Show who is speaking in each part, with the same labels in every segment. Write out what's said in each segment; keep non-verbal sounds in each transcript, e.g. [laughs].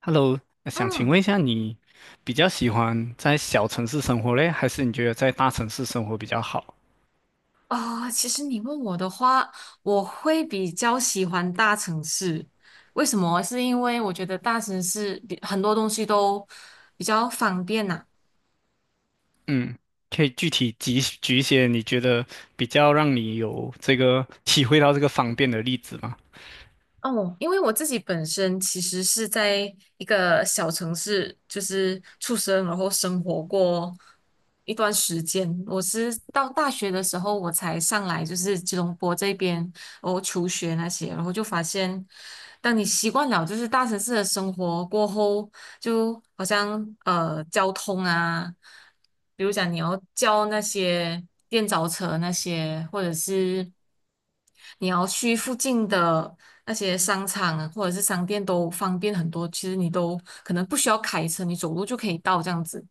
Speaker 1: Hello，想请
Speaker 2: 嗯，
Speaker 1: 问一下，你比较喜欢在小城市生活嘞，还是你觉得在大城市生活比较好？
Speaker 2: 啊，其实你问我的话，我会比较喜欢大城市。为什么？是因为我觉得大城市比很多东西都比较方便呐。
Speaker 1: 嗯，可以具体举举一些你觉得比较让你有这个体会到这个方便的例子吗？
Speaker 2: 哦，因为我自己本身其实是在一个小城市，就是出生，然后生活过一段时间。我是到大学的时候，我才上来，就是吉隆坡这边，然后求学那些，然后就发现，当你习惯了就是大城市的生活过后，就好像交通啊，比如讲你要叫那些电召车那些，或者是，你要去附近的那些商场啊，或者是商店都方便很多。其实你都可能不需要开车，你走路就可以到这样子。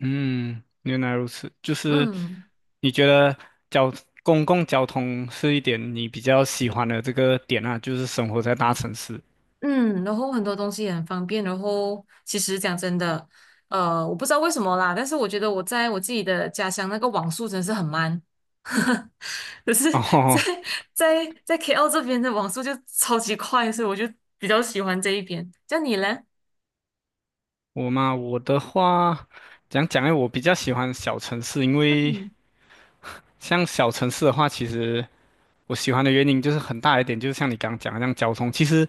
Speaker 1: 嗯，原来如此，就是
Speaker 2: 嗯
Speaker 1: 你觉得交公共交通是一点你比较喜欢的这个点啊，就是生活在大城市。
Speaker 2: 嗯，然后很多东西也很方便。然后其实讲真的，我不知道为什么啦，但是我觉得我在我自己的家乡那个网速真的是很慢，[laughs] 可是在
Speaker 1: 哦，
Speaker 2: 在 KL 这边的网速就超级快，所以我就比较喜欢这一边。像你嘞，
Speaker 1: 我嘛，我的话，讲讲诶，我比较喜欢小城市，因为
Speaker 2: 嗯
Speaker 1: 像小城市的话，其实我喜欢的原因就是很大一点，就是像你刚刚讲的，样交通，其实，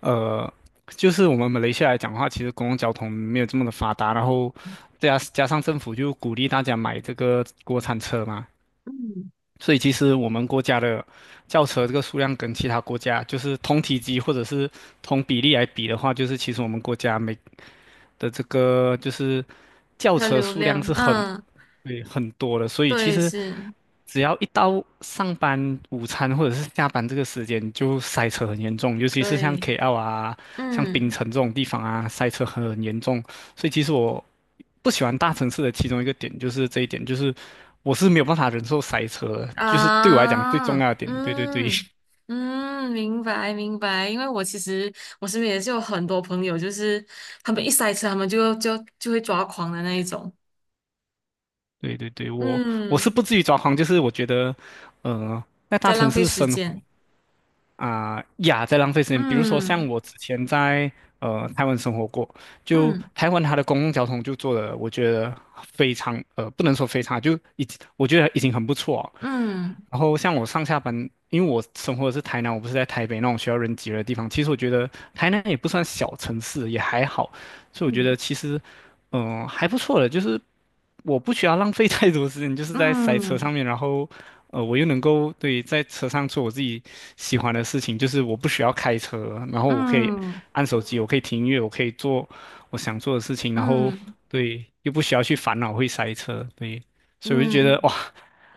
Speaker 1: 呃，就是我们马来西亚来讲的话，其实公共交通没有这么的发达，然后再加上政府就鼓励大家买这个国产车嘛，
Speaker 2: 嗯。
Speaker 1: 所以其实我们国家的轿车这个数量跟其他国家就是同体积或者是同比例来比的话，就是其实我们国家每的这个就是轿
Speaker 2: 它
Speaker 1: 车
Speaker 2: 流
Speaker 1: 数量
Speaker 2: 量，
Speaker 1: 是很
Speaker 2: 嗯。
Speaker 1: 对很多的，所以其
Speaker 2: 对，
Speaker 1: 实
Speaker 2: 是，
Speaker 1: 只要一到上班、午餐或者是下班这个时间，就塞车很严重，尤其是像
Speaker 2: 对，
Speaker 1: KL 啊、像槟
Speaker 2: 嗯，
Speaker 1: 城这种地方啊，塞车很严重。所以其实我不喜欢大城市的其中一个点就是这一点，就是我是没有办法忍受塞车的，就是对我来讲最
Speaker 2: 啊，
Speaker 1: 重要的点。对对对。
Speaker 2: 嗯，
Speaker 1: [laughs]
Speaker 2: 嗯，明白，明白。因为我其实我身边也是有很多朋友，就是他们一塞车，他们就会抓狂的那一种。
Speaker 1: 对对对，我是
Speaker 2: 嗯，
Speaker 1: 不至于抓狂，就是我觉得，呃，在大
Speaker 2: 在
Speaker 1: 城
Speaker 2: 浪费
Speaker 1: 市
Speaker 2: 时
Speaker 1: 生
Speaker 2: 间。
Speaker 1: 啊、呀，在浪费时间。比如说，像
Speaker 2: 嗯
Speaker 1: 我之前在台湾生活过，就
Speaker 2: 嗯
Speaker 1: 台湾它的公共交通就做的，我觉得非常呃，不能说非常，就已经我觉得已经很不错哦
Speaker 2: 嗯
Speaker 1: 然后像我上下班，因为我生活的是台南，我不是在台北那种需要人挤人的地方。其实我觉得台南也不算小城市，也还好，所以我觉得
Speaker 2: 嗯
Speaker 1: 其实还不错的，就是我不需要浪费太多时间，就是在塞车
Speaker 2: 嗯
Speaker 1: 上面，然后，我又能够对在车上做我自己喜欢的事情，就是我不需要开车，然后我可以
Speaker 2: 嗯
Speaker 1: 按手机，我可以听音乐，我可以做我想做的事情，然后
Speaker 2: 嗯
Speaker 1: 对，又不需要去烦恼会塞车，对，所以我就觉
Speaker 2: 嗯，
Speaker 1: 得
Speaker 2: 嗯。
Speaker 1: 哇，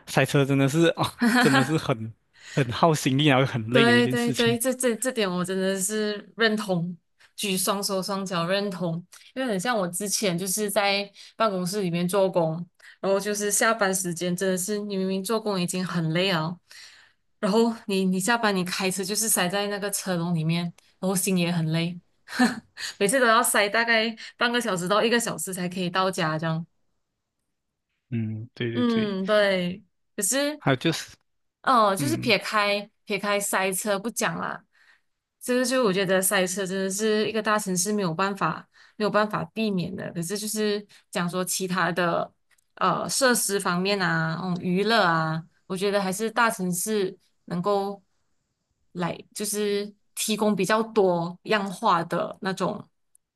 Speaker 1: 塞车真的是啊，
Speaker 2: [laughs] 哈
Speaker 1: 真的是
Speaker 2: 哈，
Speaker 1: 很耗心力，然后很累的一
Speaker 2: 对
Speaker 1: 件
Speaker 2: 对
Speaker 1: 事情。
Speaker 2: 对，这点我真的是认同，举双手双脚认同，因为很像我之前就是在办公室里面做工，然后就是下班时间真的是你明明做工已经很累了，然后你下班你开车就是塞在那个车笼里面，然后心也很累，[laughs] 每次都要塞大概半个小时到一个小时才可以到家这样。
Speaker 1: 嗯，对对对，
Speaker 2: 嗯，对。可是
Speaker 1: 还有就是，
Speaker 2: 哦，就是
Speaker 1: 嗯，
Speaker 2: 撇开塞车不讲啦，这个就我觉得塞车真的是一个大城市没有办法避免的。可是就是讲说其他的设施方面啊，嗯，娱乐啊，我觉得还是大城市能够来就是提供比较多样化的那种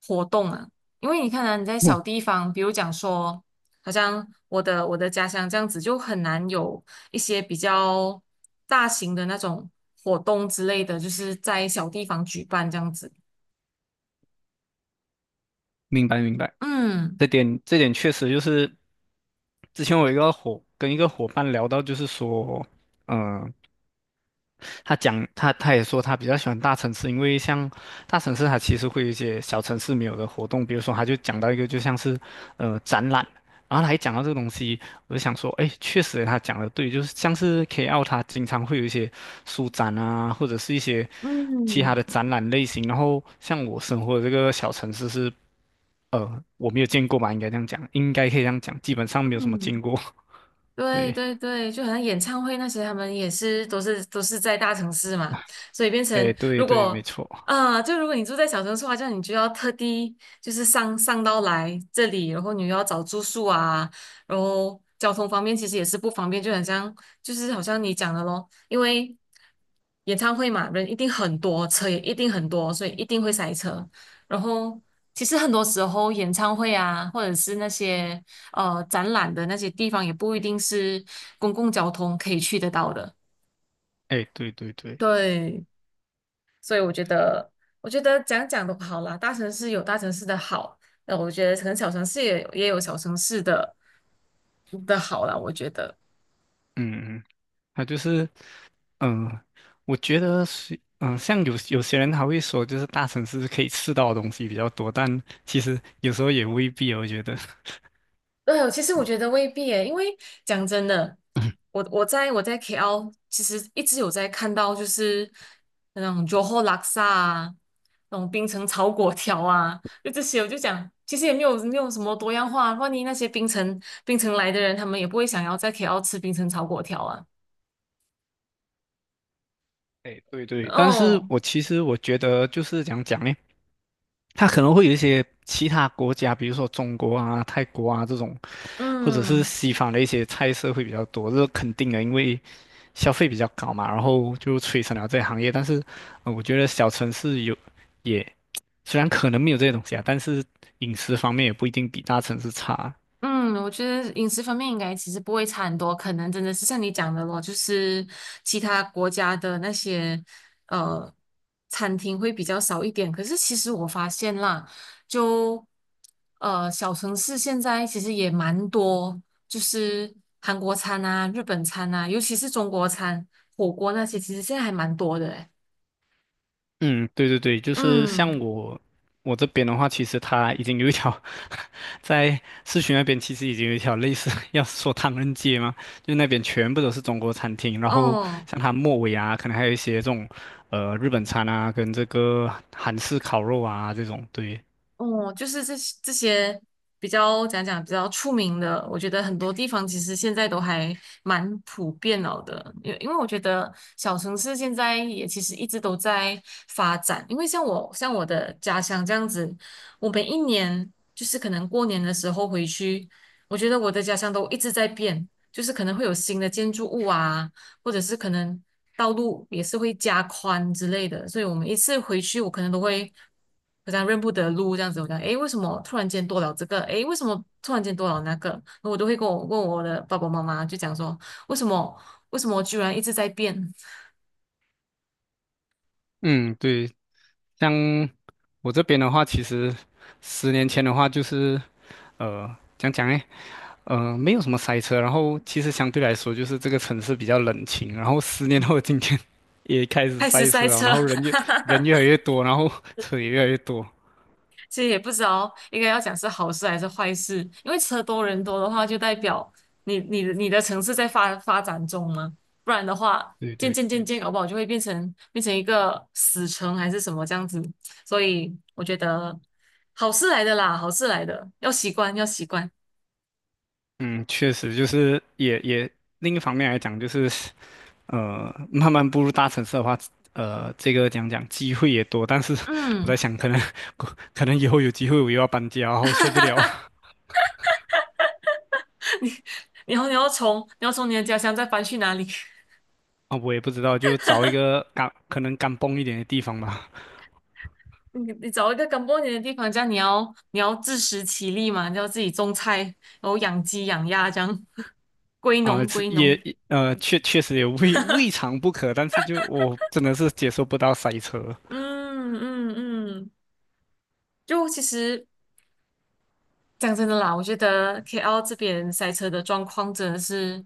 Speaker 2: 活动啊。因为你看啊，你在
Speaker 1: 嗯
Speaker 2: 小地方，比如讲说，好像我的家乡这样子就很难有一些比较大型的那种活动之类的，就是在小地方举办这样子。
Speaker 1: 明白明白。
Speaker 2: 嗯
Speaker 1: 这点这点确实就是，之前我一个跟一个伙伴聊到，就是说，嗯、他讲他也说他比较喜欢大城市，因为像大城市它其实会有一些小城市没有的活动，比如说他就讲到一个就像是展览，然后他一讲到这个东西，我就想说，哎，确实他讲的对，就是像是 KL 它经常会有一些书展啊，或者是一些其他
Speaker 2: 嗯
Speaker 1: 的展览类型，然后像我生活的这个小城市是我没有见过吧，应该这样讲，应该可以这样讲，基本上没有什么
Speaker 2: 嗯。
Speaker 1: 见过。[laughs]
Speaker 2: 对
Speaker 1: 对，
Speaker 2: 对对，就好像演唱会那些，他们也是都是在大城市嘛，所以变
Speaker 1: 哎，
Speaker 2: 成
Speaker 1: 对
Speaker 2: 如
Speaker 1: 对，没
Speaker 2: 果
Speaker 1: 错，
Speaker 2: 啊、就如果你住在小城市的话，这样你就要特地就是上到来这里，然后你又要找住宿啊，然后交通方面其实也是不方便，就很像就是好像你讲的咯，因为演唱会嘛，人一定很多，车也一定很多，所以一定会塞车。然后其实很多时候演唱会啊，或者是那些，展览的那些地方，也不一定是公共交通可以去得到的。
Speaker 1: 哎，对对对，
Speaker 2: 对，所以我觉得，我觉得讲讲都好啦，大城市有大城市的好，那我觉得可能小城市也有小城市的好啦，我觉得。
Speaker 1: 嗯嗯，他就是，嗯、我觉得是，像有些人他会说，就是大城市可以吃到的东西比较多，但其实有时候也未必哦，我觉得。[laughs]
Speaker 2: 对，其实我觉得未必诶，因为讲真的，我在 KL 其实一直有在看到，就是那种 Johor Laks 啊，那种冰城炒粿条啊，就这些，我就讲，其实也没有什么多样化。万一那些冰城来的人，他们也不会想要在 KL 吃冰城炒粿条啊。
Speaker 1: 哎，对对，但是
Speaker 2: 哦，
Speaker 1: 我其实我觉得就是讲讲呢，它可能会有一些其他国家，比如说中国啊、泰国啊这种，或者是
Speaker 2: 嗯。
Speaker 1: 西方的一些菜色会比较多，这是肯定的，因为消费比较高嘛，然后就催生了这个行业。但是，我觉得小城市也虽然可能没有这些东西啊，但是饮食方面也不一定比大城市差。
Speaker 2: 嗯，我觉得饮食方面应该其实不会差很多，可能真的是像你讲的咯，就是其他国家的那些呃餐厅会比较少一点。可是其实我发现啦，就小城市现在其实也蛮多，就是韩国餐啊、日本餐啊，尤其是中国餐、火锅那些，其实现在还蛮多的诶。
Speaker 1: 嗯，对对对，就是
Speaker 2: 嗯，
Speaker 1: 像我我这边的话，其实它已经有一条 [laughs] 在市区那边其实已经有一条类似 [laughs] 要说唐人街嘛，[laughs] 就那边全部都是中国餐厅，然后
Speaker 2: 哦。
Speaker 1: 像它末尾啊，可能还有一些这种日本餐啊，跟这个韩式烤肉啊这种。对，
Speaker 2: 哦，就是这些比较讲讲比较出名的，我觉得很多地方其实现在都还蛮普遍了的，因为我觉得小城市现在也其实一直都在发展，因为像我的家乡这样子，我每一年就是可能过年的时候回去，我觉得我的家乡都一直在变，就是可能会有新的建筑物啊，或者是可能道路也是会加宽之类的，所以我们一次回去，我可能都会好像认不得路这样子。我讲，诶，为什么突然间多了这个？诶，为什么突然间多了那个？我都会跟我问我的爸爸妈妈，就讲说，为什么为什么我居然一直在变。
Speaker 1: 嗯，对，像我这边的话，其实10年前的话就是讲讲呢。没有什么塞车，然后其实相对来说，就是这个城市比较冷清。然后10年后的今天 [laughs] 也开
Speaker 2: [laughs]
Speaker 1: 始
Speaker 2: 开始
Speaker 1: 塞
Speaker 2: 塞
Speaker 1: 车了，
Speaker 2: 车。
Speaker 1: 然后人越来
Speaker 2: [laughs]
Speaker 1: 越多，然后车也越来越多。
Speaker 2: 其实也不知道应该要讲是好事还是坏事，因为车多人多的话，就代表你的城市在发展中嘛，不然的话，
Speaker 1: 对
Speaker 2: 渐
Speaker 1: 对
Speaker 2: 渐渐
Speaker 1: 对，
Speaker 2: 渐，搞不好就会变成一个死城还是什么这样子。所以我觉得好事来的啦，好事来的，要习惯要习惯。
Speaker 1: 嗯，确实就是也另一方面来讲，就是慢慢步入大城市的话，这个讲讲机会也多，但是我在
Speaker 2: 嗯，
Speaker 1: 想，可能 [laughs] 可能以后有机会我又要搬家，然后受不了 [laughs]
Speaker 2: 你要从你的家乡再搬去哪里？
Speaker 1: 啊，我也不知道，就找一个干可能干蹦一点的地方吧。
Speaker 2: 你找一个干过年的地方，这样你要自食其力嘛，你要自己种菜，然后养鸡养鸭这样，[laughs] 归
Speaker 1: 啊，
Speaker 2: 农归农。
Speaker 1: 确实也未尝不可，但是就我真的是接受不到塞车。
Speaker 2: 嗯嗯嗯，就其实讲真的啦，我觉得 KL 这边塞车的状况真的是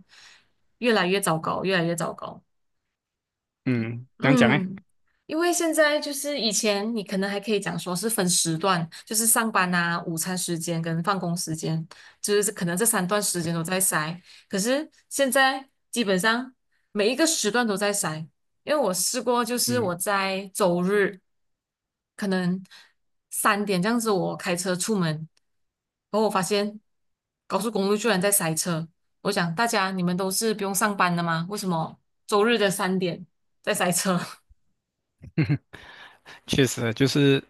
Speaker 2: 越来越糟糕，越来越糟糕。
Speaker 1: 嗯，怎样讲呢？
Speaker 2: 嗯，因为现在就是以前你可能还可以讲说是分时段，就是上班啊、午餐时间跟放工时间，就是可能这三段时间都在塞。可是现在基本上每一个时段都在塞，因为我试过，就是
Speaker 1: 嗯，
Speaker 2: 我在周日可能三点这样子，我开车出门，然后我发现高速公路居然在塞车。我想大家你们都是不用上班的吗？为什么周日的三点？在塞车。[laughs]
Speaker 1: [laughs] 确实就是，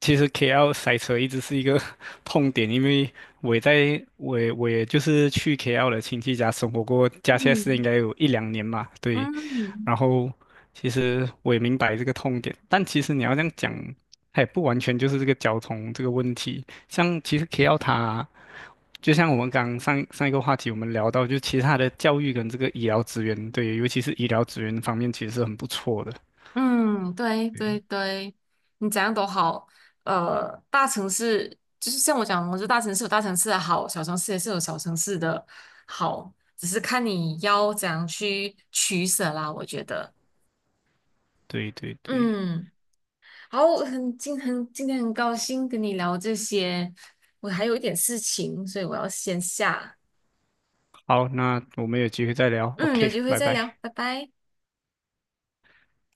Speaker 1: 其实 KL 塞车一直是一个 [laughs] 痛点，因为我也就是去 KL 的亲戚家生活过，加起来是应
Speaker 2: 嗯
Speaker 1: 该有一两年嘛，对。
Speaker 2: 嗯
Speaker 1: 然后其实我也明白这个痛点，但其实你要这样讲，它也不完全就是这个交通这个问题。像其实 KL 它。就像我们刚上一个话题，我们聊到，就其他的教育跟这个医疗资源，对，尤其是医疗资源方面，其实是很不错的。
Speaker 2: 嗯，对对对，你怎样都好。大城市就是像我讲，我觉得大城市有大城市的好，小城市也是有小城市的好，只是看你要怎样去取舍啦。我觉得，
Speaker 1: 对对对对，
Speaker 2: 嗯，好，很今天很高兴跟你聊这些，我还有一点事情，所以我要先下。
Speaker 1: 好，那我们有机会再聊。
Speaker 2: 嗯，有
Speaker 1: OK，
Speaker 2: 机会
Speaker 1: 拜
Speaker 2: 再聊，
Speaker 1: 拜。
Speaker 2: 拜拜。